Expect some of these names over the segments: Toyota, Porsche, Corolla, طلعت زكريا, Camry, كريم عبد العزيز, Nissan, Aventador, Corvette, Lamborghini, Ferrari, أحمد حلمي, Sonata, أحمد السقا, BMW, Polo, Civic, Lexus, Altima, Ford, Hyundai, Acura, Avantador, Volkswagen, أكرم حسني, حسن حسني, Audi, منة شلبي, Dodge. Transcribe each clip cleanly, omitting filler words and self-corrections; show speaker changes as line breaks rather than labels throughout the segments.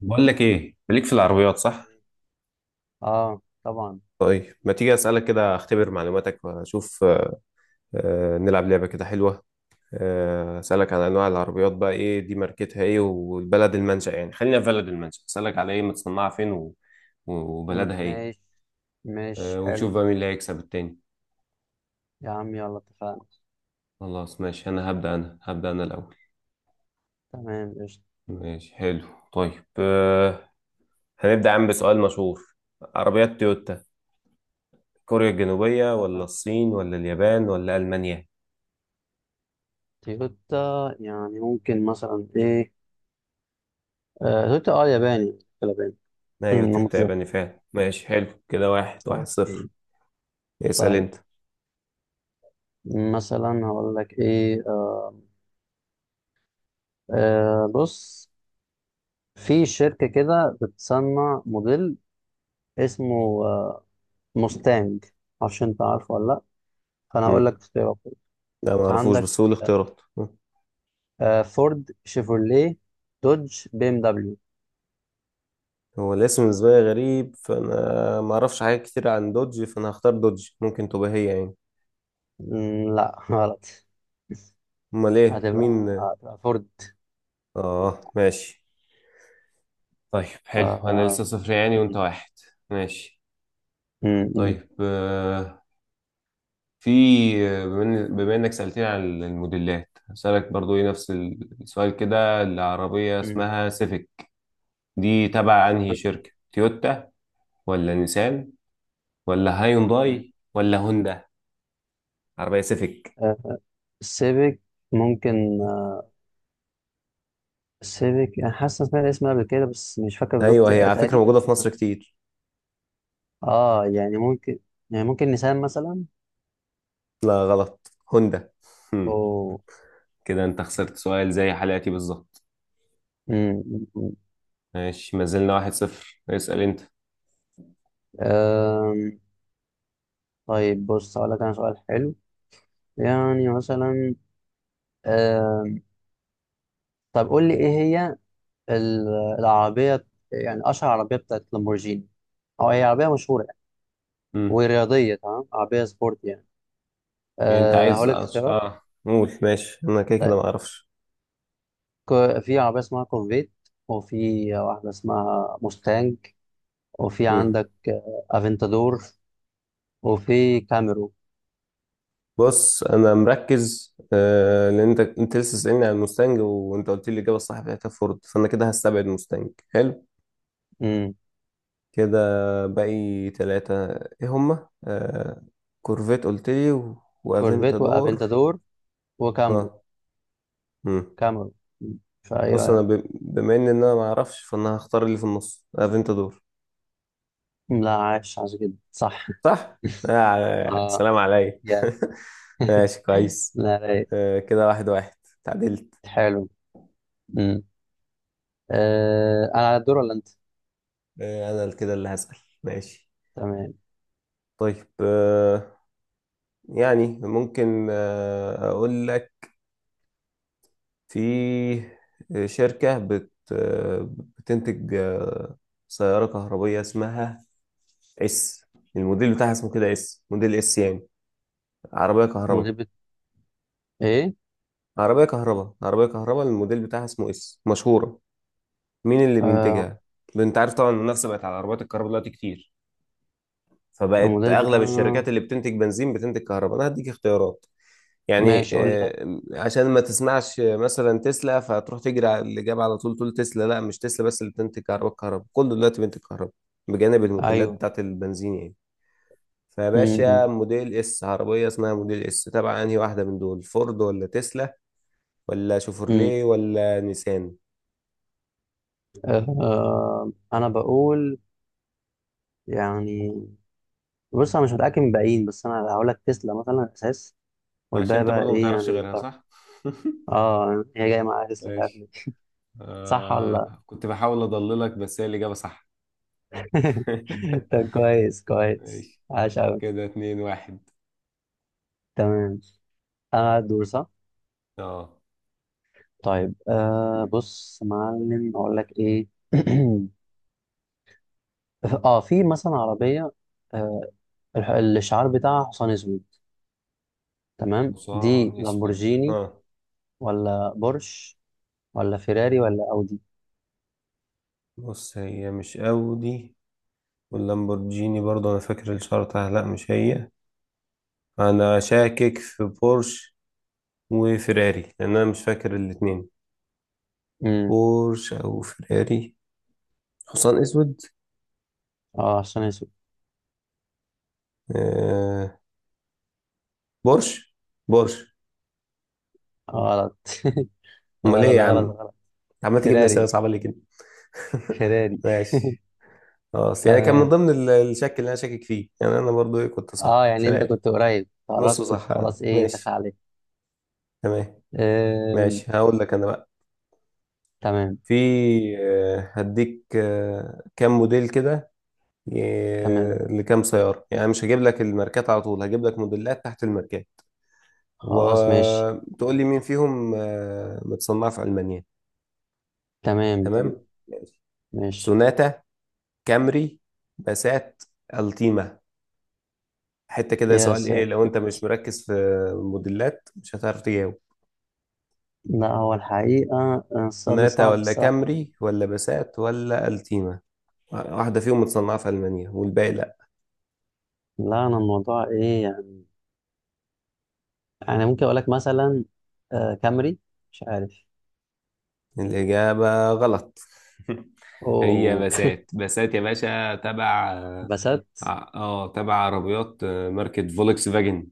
بقول لك ايه ليك في العربيات صح؟
اه طبعا.
طيب ما تيجي أسألك كده أختبر معلوماتك وأشوف. نلعب لعبة كده حلوة. أسألك عن أنواع العربيات، بقى إيه دي ماركتها إيه والبلد المنشأ، يعني خلينا في بلد المنشأ أسألك على إيه متصنعة فين و... و- وبلدها إيه.
مش مش
ونشوف
حلو.
بقى مين اللي هيكسب التاني.
يا عم يلا اتفقنا.
خلاص ماشي، أنا هبدأ أنا الأول.
تمام قشطة.
ماشي حلو طيب. هنبدأ عم بسؤال مشهور. عربيات تويوتا، كوريا الجنوبية ولا
آه،
الصين ولا اليابان ولا ألمانيا؟
تويوتا يعني ممكن مثلا ايه. تويوتا ياباني ياباني.
ايوه
انا
تويوتا ياباني
متذكر.
فعلا، ماشي حلو كده، واحد واحد صفر.
اوكي.
اسأل
طيب
انت.
مثلا هقول لك ايه. بص، في شركة كده بتصنع موديل اسمه مستانج. معرفش انت عارفه ولا لا، فانا هقول
مم.
لك اختيارات.
لا ما اعرفوش،
عندك
بس هو الاختيارات. مم.
فورد، شيفروليه، دوج، بي ام دبليو.
هو الاسم بالنسبة لي غريب، فانا ما اعرفش حاجات كتير عن دوج، فانا هختار دوج، ممكن تبقى هي يعني.
لا غلط.
امال ايه مين؟
هتبقى فورد.
اه ماشي. طيب حلو، انا لسه
آه،
صفر يعني وانت واحد. ماشي.
مم، مم،
طيب في، بما انك سألتني عن الموديلات هسألك برضو ايه نفس السؤال كده، العربية
مم.
اسمها سيفيك دي تبع انهي شركة، تويوتا ولا نيسان ولا
مم.
هايونداي ولا هوندا؟ عربية سيفيك،
آه، السيفيك ممكن. السيفيك انا حاسس إن سمعت الاسم قبل كده بس مش فاكر بالظبط،
ايوه هي على فكرة
تقريبا.
موجودة في مصر كتير.
اه يعني ممكن، يعني ممكن نيسان مثلا.
لا غلط، هوندا. هم،
او.
كده انت خسرت سؤال زي حلقتي بالظبط.
مم.
ماشي ما زلنا واحد صفر، اسأل انت.
آم، طيب بص هقول لك انا سؤال حلو يعني مثلا. آم، طب قول لي ايه هي ال- العربية يعني أشهر عربية بتاعت لامبورجيني، أو هي عربية مشهورة يعني
هم.
ورياضية. تمام، عربية سبورت يعني. أه هقول لك اختيارات.
اه قول ماشي، انا كده كده
طيب
ما اعرفش.
في عربية اسمها كورفيت، وفي واحدة اسمها موستانج، وفي
هم.
عندك افنتادور، وفي كاميرو.
بص انا مركز آه، لان انت لسه سألني عن المستنج وانت قلت لي الاجابه الصح بتاعتها فورد، فانا كده هستبعد مستنج. حلو
امم،
كده. باقي تلاتة ايه هما؟ آه، كورفيت قلتلي و...
كورفيت
وافنتادور.
وافنتادور وكاميرو.
اه. مم.
كاميرو. مم. فايه رأيك؟
بما ان انا ما اعرفش، فانا هختار اللي في النص، افنتادور.
لا، عايش عايش جدا، صح.
صح. آه
اه
سلام عليا.
يا
ماشي كويس.
لا، رايق.
آه كده واحد واحد، تعدلت.
حلو. امم. انا على الدور ولا انت؟
انا كده اللي هسأل. ماشي.
تمام.
طيب يعني ممكن اقول لك، في آه، شركة بت آه، بتنتج سيارة كهربية اسمها اس، الموديل بتاعها اسمه كده اس، موديل اس يعني. عربية كهرباء،
مدير بت... ايه.
عربية كهرباء الموديل بتاعها اسمه اس، مشهورة. مين اللي
آه
بينتجها؟ انت عارف طبعا المنافسة بقت على عربيات الكهرباء دلوقتي كتير، فبقت
المدير
اغلب الشركات
بتاعنا.
اللي بتنتج بنزين بتنتج كهرباء. انا هديك اختيارات يعني،
ماشي قول لي طيب.
عشان ما تسمعش مثلا تسلا فتروح تجري على الاجابه على طول تقول تسلا. لا مش تسلا، بس اللي بتنتج كهرباء. كله دلوقتي بينتج كهرباء بجانب الموديلات
ايوه.
بتاعت البنزين يعني. فباشا
امم.
موديل اس، عربيه اسمها موديل اس، تبع انهي واحده من دول، فورد ولا تسلا ولا
امم.
شوفرليه ولا نيسان؟
انا بقول يعني، بص انا مش متاكد من الباقيين، بس انا هقول لك تسلا مثلا اساس،
عشان
والباقي
انت
بقى
برضه ما
ايه
تعرفش
يعني
غيرها
بالبركه.
صح.
اه هي جايه معايا تسلا، مش عارف
ماشي.
ليه. صح ولا لا؟
آه كنت بحاول اضللك بس هي الاجابه صح.
طب كويس كويس،
ماشي،
عاش قوي.
كده اتنين واحد.
تمام. انا الدور صح؟
اه،
طيب بص يا معلم، اقول لك ايه. اه، في مثلا عربيه، آه، الشعار بتاعها حصان اسود. تمام،
حصان
دي
اسود،
لامبورجيني
ها.
ولا بورش ولا فيراري ولا اودي؟
بص هي مش اودي، واللامبورجيني برضه انا فاكر الاشاره بتاعها لا مش هي. انا شاكك في بورش وفيراري لان انا مش فاكر الاتنين.
امم.
بورش او فيراري، حصان اسود.
اه، حصان اسود.
آه، بورش. بورش.
غلط.
امال ايه
غلط
يا
غلط
عم؟
غلط.
عمال تجيب لي اسئله
فيراري.
صعبه ليه كده؟
فيراري.
ماشي خلاص، يعني كان من
تمام.
ضمن الشك اللي انا شاكك فيه يعني، انا برضو ايه كنت صح،
اه يعني انت
فيراري.
كنت قريب،
نص
قربت
صح
خلاص،
آه.
ايه دخل
ماشي.
عليك.
تمام.
آم،
ماشي هقول لك انا بقى.
تمام
في، هديك كام موديل كده، ي-
تمام.
لكام سيارة يعني. مش هجيب لك الماركات على طول، هجيب لك موديلات تحت الماركات،
خلاص ماشي.
وتقول لي مين فيهم متصنعة في ألمانيا.
تمام تمام.
تمام ماشي.
ماشي.
سوناتا، كامري، باسات، التيما. حتة كده
يا
سؤال ايه، لو
ساتر.
انت مش مركز في موديلات مش هتعرف تجاوب.
لا، هو الحقيقة السؤال ده
سوناتا
صعب
ولا
الصراحة يعني.
كامري ولا باسات ولا التيما، واحدة فيهم متصنعة في ألمانيا والباقي.
لا، أنا الموضوع إيه يعني؟ انا ممكن اقول لك مثلا كامري. مش عارف.
الإجابة غلط. هي
اوه.
بسات، بسات يا باشا، تبع
بسات.
اه، تبع عربيات ماركة فولكس فاجن.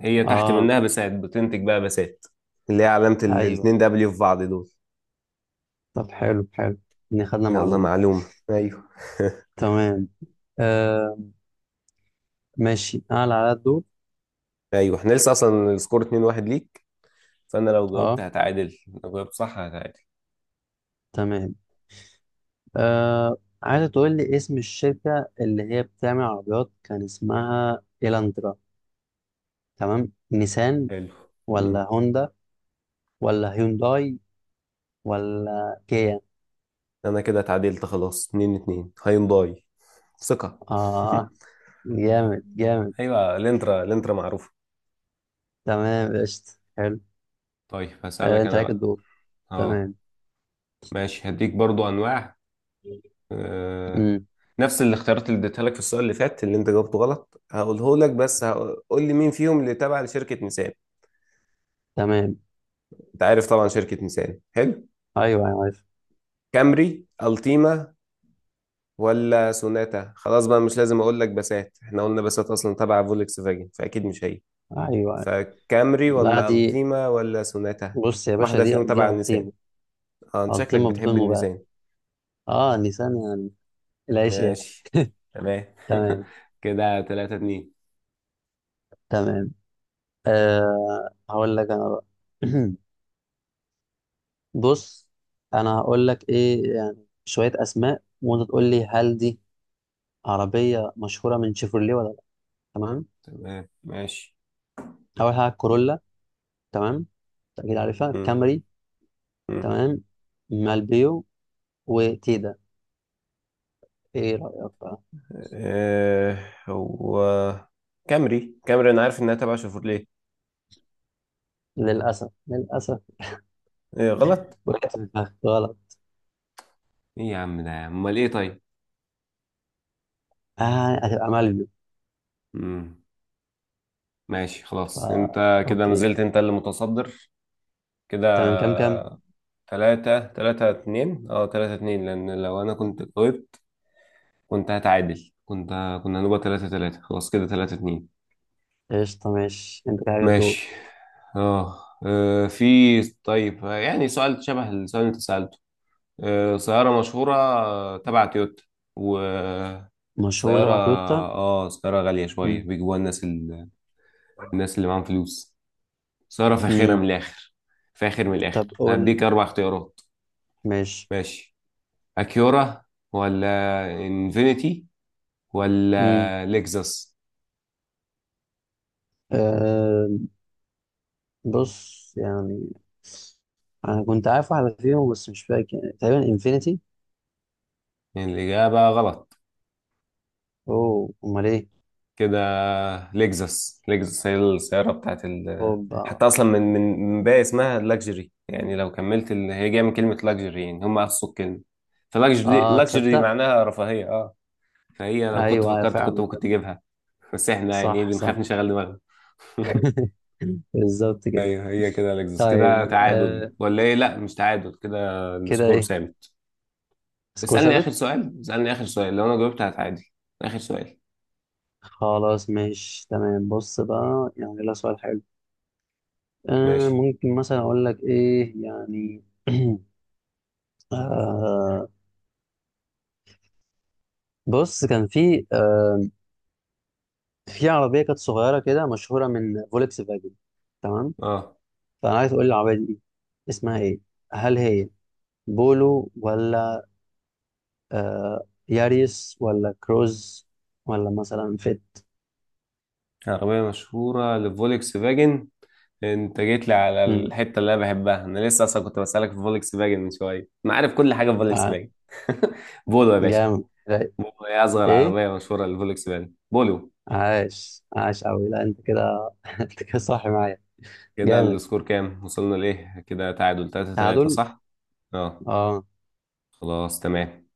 هي تحت
اه.
منها بسات، بتنتج بقى بسات اللي هي علامة الاتنين
ايوه،
دبليو في بعض دول.
طب حلو حلو، ان خدنا
يلا
معلومه.
معلومة ايوه.
تمام. آه ماشي، انا اللي على الدور.
ايوه احنا لسه اصلا السكور 2-1 ليك، فانا لو جاوبت
اه.
هتعادل. لو جاوبت صح هتعادل.
تمام. آه عايزه تقول لي اسم الشركه اللي هي بتعمل عربيات كان اسمها إيلاندرا. تمام، نيسان
حلو. مم.
ولا هوندا ولا هيونداي ولا كيا؟
انا كده اتعادلت خلاص، 2-2، هيونداي، ثقة.
اه، جامد جامد.
ايوه الانترا، الانترا معروفة.
تمام قشطة. حلو.
طيب
آه،
هسألك
انت
انا
عليك
بقى.
الدور.
اه
تمام.
ماشي، هديك برضو انواع آه.
امم.
نفس الاختيارات اللي اديتها لك في السؤال اللي فات اللي انت جاوبته غلط هقوله لك، بس هقول لي مين فيهم اللي تابع لشركة نيسان.
تمام.
انت عارف طبعا شركة نيسان، حلو.
ايوه ايوه عارف.
كامري، التيما، ولا سوناتا. خلاص بقى مش لازم اقول لك بسات، احنا قلنا بسات اصلا تبع فولكس فاجن فاكيد مش هي.
ايوه عارف.
فكامري
لا
ولا
دي،
التيما ولا سوناتا،
بص يا باشا،
واحدة
دي
فيهم
دي
تبع النيسان.
الطيمه.
اه انت شكلك
الطيمه بدون
بتحب
مبالغه.
النيسان.
اه لسان يعني، العيش يعني.
ماشي. تمام.
تمام.
كده تلاتة اتنين.
تمام. هقول لك انا بقى. بص، انا هقول لك ايه يعني، شويه اسماء وانت تقول لي هل دي عربيه مشهوره من شيفروليه ولا لا. تمام.
تمام ماشي.
اول حاجه كورولا. تمام. اكيد عارفها
مم.
كامري.
مم.
تمام. مالبيو وتيدا. ايه رايك بقى؟
آه، هو كامري، كامري انا عارف انها تبع شيفروليه.
للاسف للاسف.
إيه غلط؟
وقعت في الفخ، غلط.
ايه يا عم ده، امال ايه طيب؟
هتبقى مالبيو.
مم. ماشي خلاص،
فا.
انت كده ما
أوكي.
زلت انت اللي متصدر كده،
تمام. كام كام؟
تلاتة تلاتة اتنين. اه تلاتة اتنين، لان لو انا كنت جاوبت كنت هتعادل، كنت كنا هنبقى تلاتة تلاتة، خلاص كده تلاتة اتنين.
قشطة ماشي. أنت كده حاجة تدور.
ماشي. اه في، طيب يعني سؤال شبه السؤال اللي انت سألته، سيارة مشهورة تبع تويوتا،
مشهور
وسيارة
تبع تويوتا؟
اه سيارة غالية شوية
مم.
بيجيبوها الناس اللي معاهم فلوس، سيارة فاخرة من
مم.
الآخر. فاخر من الآخر،
طب قول.
هديك أربع اختيارات.
ماشي.
ماشي. أكيورا ولا إنفينيتي
مم.
ولا لexus.
آه بص يعني، أنا كنت عارف واحدة فيهم بس مش فاكر، يعني تقريبا إنفينيتي.
الإجابة غلط.
أوه. أمال إيه؟
كده لكزس، لكزس هي السيارة بتاعت ال،
هوبا.
حتى أصلا من باقي اسمها لاكجري يعني، لو كملت هي جاية من كلمة لاكجري يعني، هم قصوا الكلمة. فلاكجري،
آه
لاكجري
تصدق.
معناها رفاهية اه. فهي لو كنت
أيوه أيوة،
فكرت كنت
فعلا.
ممكن تجيبها. بس احنا يعني ايه
صح
بنخاف
صح.
نشغل دماغنا.
بالظبط كده.
ايوه هي كده لكزس، كده
طيب.
تعادل
آه
ولا ايه؟ لا مش تعادل كده،
كده
السكور
إيه؟
ثابت.
سكور
اسألني آخر
ثابت.
سؤال، اسألني آخر سؤال، لو أنا جاوبت هتعادل. آخر سؤال.
خلاص ماشي تمام. بص بقى يعني ده سؤال حلو.
ماشي.
ممكن مثلا اقول لك ايه يعني. آه بص، كان في في عربيه كانت صغيره كده، مشهوره من فولكس فاجن. تمام،
اه
فانا عايز اقول العربيه دي اسمها ايه. هل هي بولو، ولا ياريس، ولا كروز، ولا مثلا فيت؟
عربية مشهورة لفولكس فاجن، انت جيت لي على
مم،
الحته اللي انا بحبها، انا لسه اصلا كنت بسالك في فولكس فاجن من شويه، انا عارف كل حاجه في فولكس
آه
فاجن. بولو يا باشا.
جامد رايق.
بولو هي اصغر
ايه،
عربيه مشهوره للفولكس فاجن، بولو.
عاش عاش قوي. لا انت كده انت كده صح معايا.
كده
جامد.
السكور كام وصلنا لايه، كده تعادل 3 3،
تعادل.
صح؟ اه
اه.
خلاص تمام.